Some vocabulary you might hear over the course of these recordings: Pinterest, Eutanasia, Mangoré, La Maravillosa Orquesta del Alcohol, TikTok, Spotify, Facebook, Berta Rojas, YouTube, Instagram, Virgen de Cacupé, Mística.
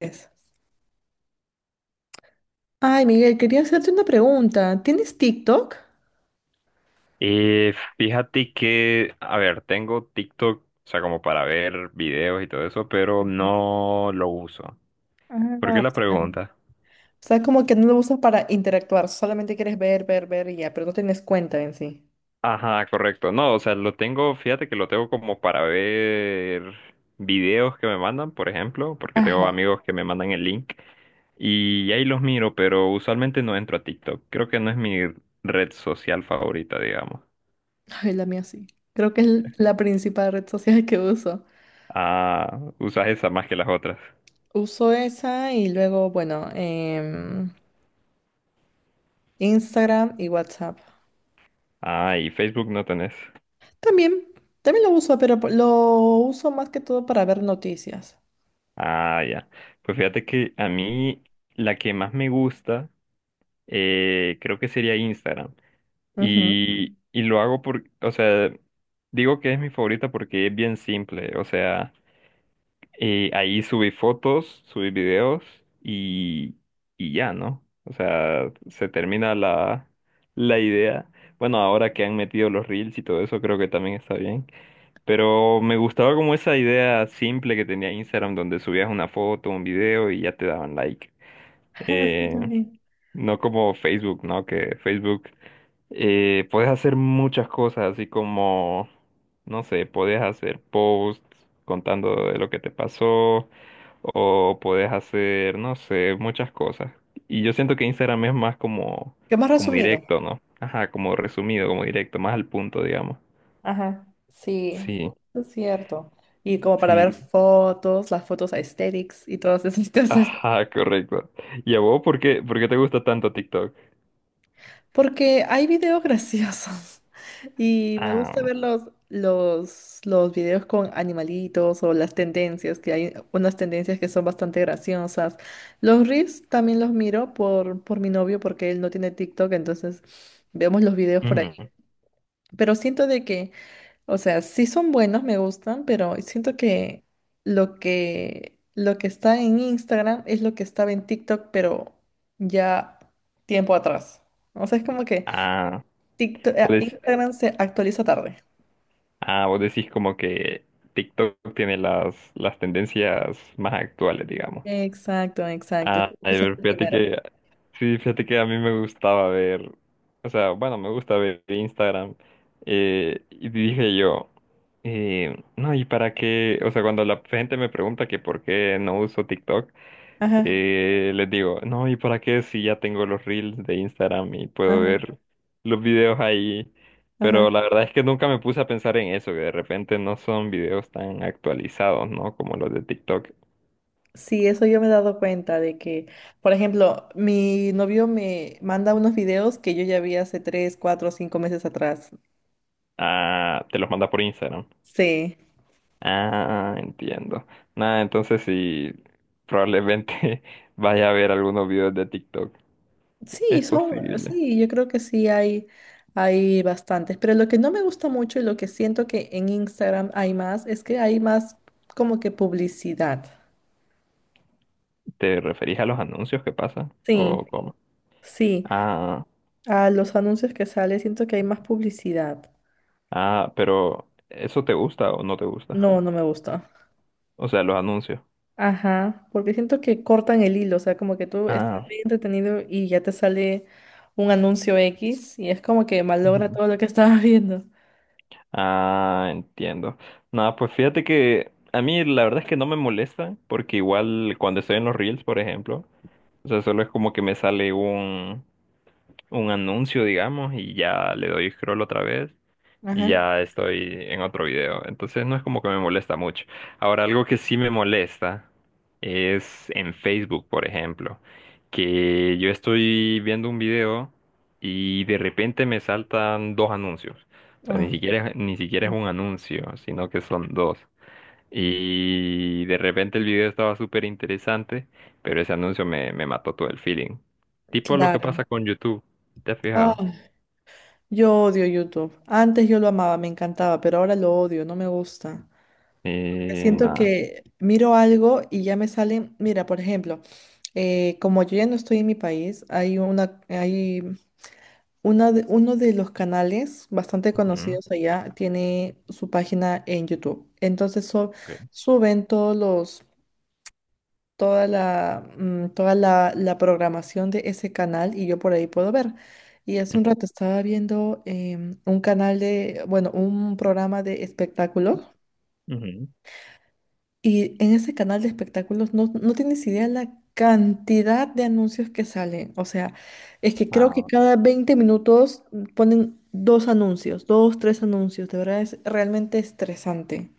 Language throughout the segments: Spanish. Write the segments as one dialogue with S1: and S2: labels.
S1: Es. Ay, Miguel, quería hacerte una pregunta. ¿Tienes TikTok?
S2: Y fíjate que, a ver, tengo TikTok, o sea, como para ver videos y todo eso, pero no lo uso. ¿Por qué la
S1: Ah,
S2: pregunta?
S1: o sea, como que no lo usas para interactuar, solamente quieres ver, ver, ver y ya, pero no tienes cuenta en sí.
S2: Ajá, correcto. No, o sea, lo tengo, fíjate que lo tengo como para ver videos que me mandan, por ejemplo, porque tengo
S1: Ajá.
S2: amigos que me mandan el link y ahí los miro, pero usualmente no entro a TikTok. Creo que no es mi red social favorita, digamos.
S1: Ay, la mía sí. Creo que es la principal red social que uso.
S2: Ah, usas esa más que las otras.
S1: Uso esa y luego, bueno, Instagram y WhatsApp.
S2: Ah, y Facebook no tenés.
S1: También, también lo uso, pero lo uso más que todo para ver noticias.
S2: Ah, ya. Pues fíjate que a mí la que más me gusta creo que sería Instagram.
S1: Ujú.
S2: Y lo hago por, o sea, digo que es mi favorita porque es bien simple. O sea, ahí subí fotos, subí videos y, y ya, ¿no? O sea, se termina la idea. Bueno, ahora que han metido los reels y todo eso, creo que también está bien. Pero me gustaba como esa idea simple que tenía Instagram, donde subías una foto, un video y ya te daban like.
S1: Sí,
S2: Eh,
S1: también.
S2: no como Facebook, ¿no? Que Facebook puedes hacer muchas cosas, así como, no sé, puedes hacer posts contando de lo que te pasó, o puedes hacer, no sé, muchas cosas. Y yo siento que Instagram es más como,
S1: ¿Qué más
S2: como
S1: resumido?
S2: directo, ¿no? Ajá, como resumido, como directo, más al punto, digamos.
S1: Ajá, sí,
S2: Sí,
S1: es cierto. Y como para ver
S2: sí.
S1: fotos, las fotos aesthetics y todas esas cosas.
S2: Ajá, correcto. ¿Y a vos por qué te gusta tanto TikTok?
S1: Porque hay videos graciosos y me gusta
S2: Ah,
S1: ver los, videos con animalitos o las tendencias, que hay unas tendencias que son bastante graciosas. Los reels también los miro por mi novio porque él no tiene TikTok, entonces vemos los videos por ahí.
S2: ujú.
S1: Pero siento de que... O sea, sí son buenos, me gustan, pero siento que lo que está en Instagram es lo que estaba en TikTok, pero ya tiempo atrás. O sea, es como que
S2: Ah,
S1: TikTok,
S2: vos dec-
S1: Instagram se actualiza tarde.
S2: ah, vos decís como que TikTok tiene las tendencias más actuales, digamos.
S1: Exacto, exacto.
S2: Ah, a
S1: Eso es
S2: ver,
S1: el primero.
S2: sí, fíjate que a mí me gustaba ver, o sea, bueno, me gusta ver Instagram. Y dije yo, no, ¿y para qué? O sea, cuando la gente me pregunta que por qué no uso TikTok,
S1: Ajá,
S2: Les digo, no, ¿y para qué si ya tengo los reels de Instagram y puedo
S1: ajá,
S2: ver los videos ahí?
S1: ajá.
S2: Pero la verdad es que nunca me puse a pensar en eso, que de repente no son videos tan actualizados, ¿no? Como los de TikTok.
S1: Sí, eso yo me he dado cuenta de que, por ejemplo, mi novio me manda unos videos que yo ya vi hace tres, cuatro, cinco meses atrás.
S2: Ah, te los manda por Instagram.
S1: Sí.
S2: Ah, entiendo. Nada, entonces sí, probablemente vaya a ver algunos videos de TikTok.
S1: Sí,
S2: Es
S1: son,
S2: posible.
S1: sí, yo creo que hay bastantes, pero lo que no me gusta mucho y lo que siento que en Instagram hay más es que hay más como que publicidad.
S2: ¿Te referís a los anuncios que pasan? ¿O
S1: Sí,
S2: cómo?
S1: sí,
S2: Ah,
S1: a los anuncios que sale siento que hay más publicidad.
S2: ah, pero ¿eso te gusta o no te gusta?
S1: No, no me gusta.
S2: O sea, los anuncios.
S1: Ajá, porque siento que cortan el hilo, o sea, como que tú estás
S2: Ah,
S1: bien entretenido y ya te sale un anuncio X y es como que malogra
S2: ujú.
S1: todo lo que estabas viendo.
S2: Ah, entiendo. Nada, pues fíjate que a mí la verdad es que no me molesta, porque igual cuando estoy en los Reels, por ejemplo, o sea, solo es como que me sale un anuncio, digamos, y ya le doy scroll otra vez. Y
S1: Ajá,
S2: ya estoy en otro video. Entonces no es como que me molesta mucho. Ahora, algo que sí me molesta es en Facebook, por ejemplo, que yo estoy viendo un video y de repente me saltan dos anuncios. O sea,
S1: ah,
S2: ni siquiera es
S1: sí,
S2: un anuncio, sino que son dos. Y de repente el video estaba súper interesante, pero ese anuncio me mató todo el feeling. Tipo lo que
S1: claro.
S2: pasa con YouTube, ¿te has fijado?
S1: Ah. Yo odio YouTube. Antes yo lo amaba, me encantaba, pero ahora lo odio, no me gusta. Porque siento
S2: Nada.
S1: que miro algo y ya me salen, mira, por ejemplo, como yo ya no estoy en mi país, hay uno de los canales bastante
S2: Ujú,
S1: conocidos allá tiene su página en YouTube.
S2: ok.
S1: Suben todos los toda la programación de ese canal y yo por ahí puedo ver. Y hace un rato estaba viendo un canal de, bueno, un programa de espectáculos y en ese canal de espectáculos no, no tienes idea la cantidad de anuncios que salen. O sea, es que creo que
S2: Ah,
S1: cada 20 minutos ponen dos anuncios, dos, tres anuncios. De verdad es realmente estresante.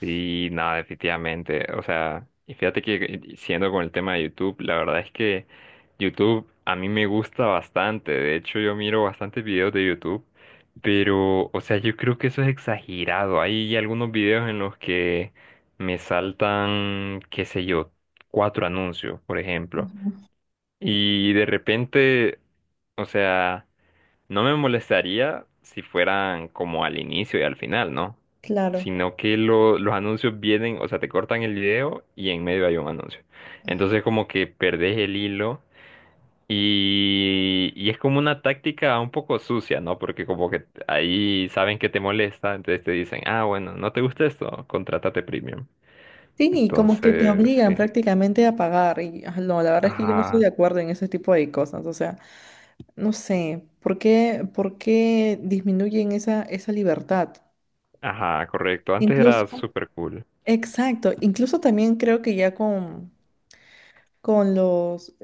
S2: sí, no, definitivamente. O sea, y fíjate que siendo con el tema de YouTube, la verdad es que YouTube a mí me gusta bastante. De hecho, yo miro bastantes videos de YouTube, pero, o sea, yo creo que eso es exagerado. Hay algunos videos en los que me saltan, qué sé yo, cuatro anuncios, por ejemplo. Y de repente, o sea... No me molestaría si fueran como al inicio y al final, ¿no?
S1: Claro.
S2: Sino que los anuncios vienen, o sea, te cortan el video y en medio hay un anuncio. Entonces como que perdés el hilo y es como una táctica un poco sucia, ¿no? Porque como que ahí saben que te molesta, entonces te dicen, ah, bueno, no te gusta esto, contrátate premium.
S1: Sí, y como que te
S2: Entonces,
S1: obligan
S2: sí.
S1: prácticamente a pagar. Y ah, no, la verdad es que yo no estoy de
S2: Ajá,
S1: acuerdo en ese tipo de cosas. O sea, no sé, ¿por qué disminuyen esa, esa libertad?
S2: ajá, correcto. Antes era
S1: Incluso,
S2: súper cool.
S1: exacto, incluso también creo que ya con los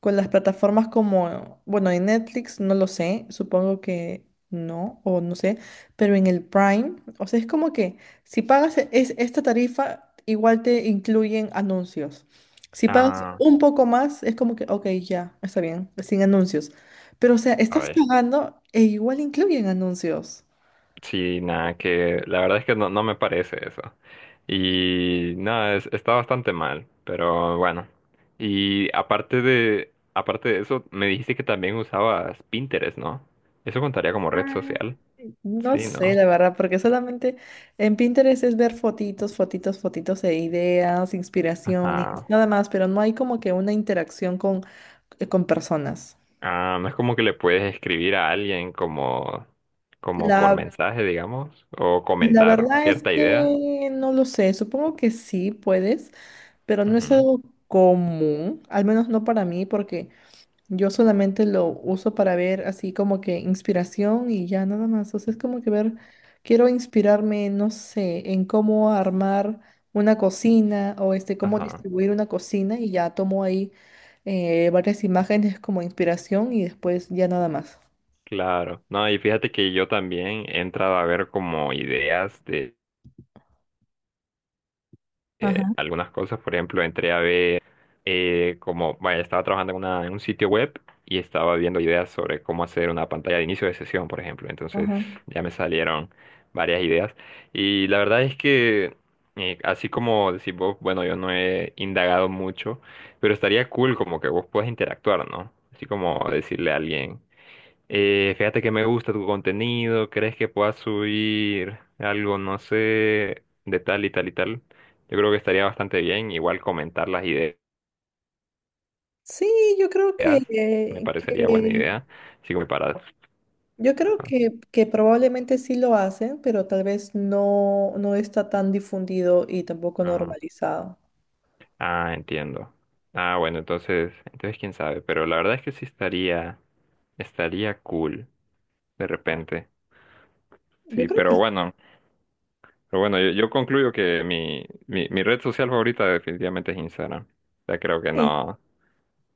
S1: con las plataformas como, bueno, en Netflix no lo sé, supongo que no, o no sé, pero en el Prime, o sea, es como que si pagas e- es, esta tarifa, igual te incluyen anuncios. Si pagas
S2: Ah,
S1: un poco más, es como que, ok, ya, está bien, sin anuncios. Pero, o sea,
S2: a
S1: estás
S2: ver.
S1: pagando e igual incluyen anuncios.
S2: Sí, nada, que la verdad es que no, no me parece eso. Y nada, está bastante mal, pero bueno. Y aparte de eso, me dijiste que también usabas Pinterest, ¿no? Eso contaría como red social.
S1: No
S2: Sí,
S1: sé,
S2: ¿no?
S1: la verdad, porque solamente en Pinterest es ver fotitos, fotitos, fotitos de ideas, inspiraciones,
S2: Ajá.
S1: nada más, pero no hay como que una interacción con personas.
S2: Ah, no es como que le puedes escribir a alguien como, como por
S1: La,
S2: mensaje, digamos, o
S1: la
S2: comentar
S1: verdad es
S2: cierta idea.
S1: que no lo sé, supongo que sí puedes, pero no es
S2: Ujú.
S1: algo común, al menos no para mí, porque yo solamente lo uso para ver así como que inspiración y ya nada más. O sea, es como que ver, quiero inspirarme, no sé, en cómo armar una cocina o este, cómo
S2: Ajá.
S1: distribuir una cocina y ya tomo ahí varias imágenes como inspiración y después ya nada más.
S2: Claro. No, y fíjate que yo también he entrado a ver como ideas de
S1: Ajá,
S2: algunas cosas. Por ejemplo, entré a ver como, vaya, estaba trabajando en, en un sitio web y estaba viendo ideas sobre cómo hacer una pantalla de inicio de sesión, por ejemplo. Entonces
S1: ajá.
S2: ya me salieron varias ideas. Y la verdad es que, así como decís vos, bueno, yo no he indagado mucho, pero estaría cool como que vos puedas interactuar, ¿no? Así como decirle a alguien. Fíjate que me gusta tu contenido, ¿crees que puedas subir algo, no sé, de tal y tal y tal? Yo creo que estaría bastante bien, igual comentar las ideas,
S1: Sí, yo creo que,
S2: me parecería buena idea, así como para...
S1: yo creo
S2: Ah,
S1: que probablemente sí lo hacen, pero tal vez no, no está tan difundido y tampoco
S2: ah,
S1: normalizado.
S2: ah, entiendo. Ah, bueno, entonces, entonces quién sabe, pero la verdad es que sí estaría, estaría cool, de repente.
S1: Yo
S2: Sí,
S1: creo
S2: pero
S1: que
S2: bueno. Pero bueno, yo concluyo que mi red social favorita definitivamente es Instagram. O sea,
S1: sí,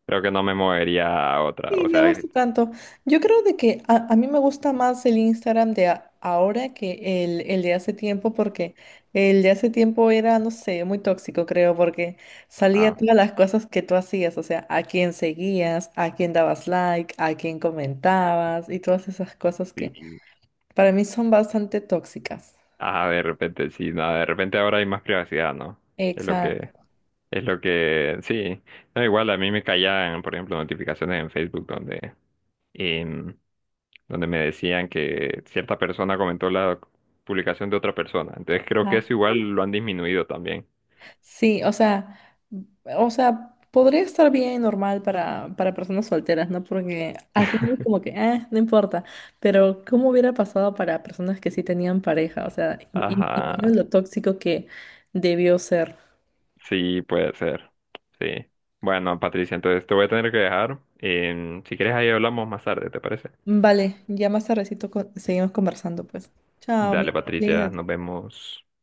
S2: creo que no me movería a otra.
S1: sí,
S2: O
S1: me
S2: sea,
S1: gusta tanto. Yo creo de que a mí me gusta más el Instagram ahora que el de hace tiempo, porque el de hace tiempo era, no sé, muy tóxico, creo, porque salía
S2: ah,
S1: todas las cosas que tú hacías, o sea, a quién seguías, a quién dabas like, a quién comentabas y todas esas cosas que
S2: sí,
S1: para mí son bastante tóxicas.
S2: ah, de repente sí, no, de repente ahora hay más privacidad, ¿no? Es lo que,
S1: Exacto.
S2: es lo que, sí. No, igual a mí me caían, por ejemplo, notificaciones en Facebook donde, em, donde me decían que cierta persona comentó la publicación de otra persona. Entonces creo que eso igual lo han disminuido también.
S1: Sí, o sea, podría estar bien normal para personas solteras, ¿no? Porque al final es como que, no importa. Pero, ¿cómo hubiera pasado para personas que sí tenían pareja? O sea, y
S2: Ajá,
S1: imagino lo tóxico que debió ser.
S2: sí, puede ser. Sí. Bueno, Patricia, entonces te voy a tener que dejar. Si quieres, ahí hablamos más tarde, ¿te parece?
S1: Vale, ya más tardecito seguimos conversando, pues. Chao,
S2: Dale,
S1: mi. Querida.
S2: Patricia, nos vemos.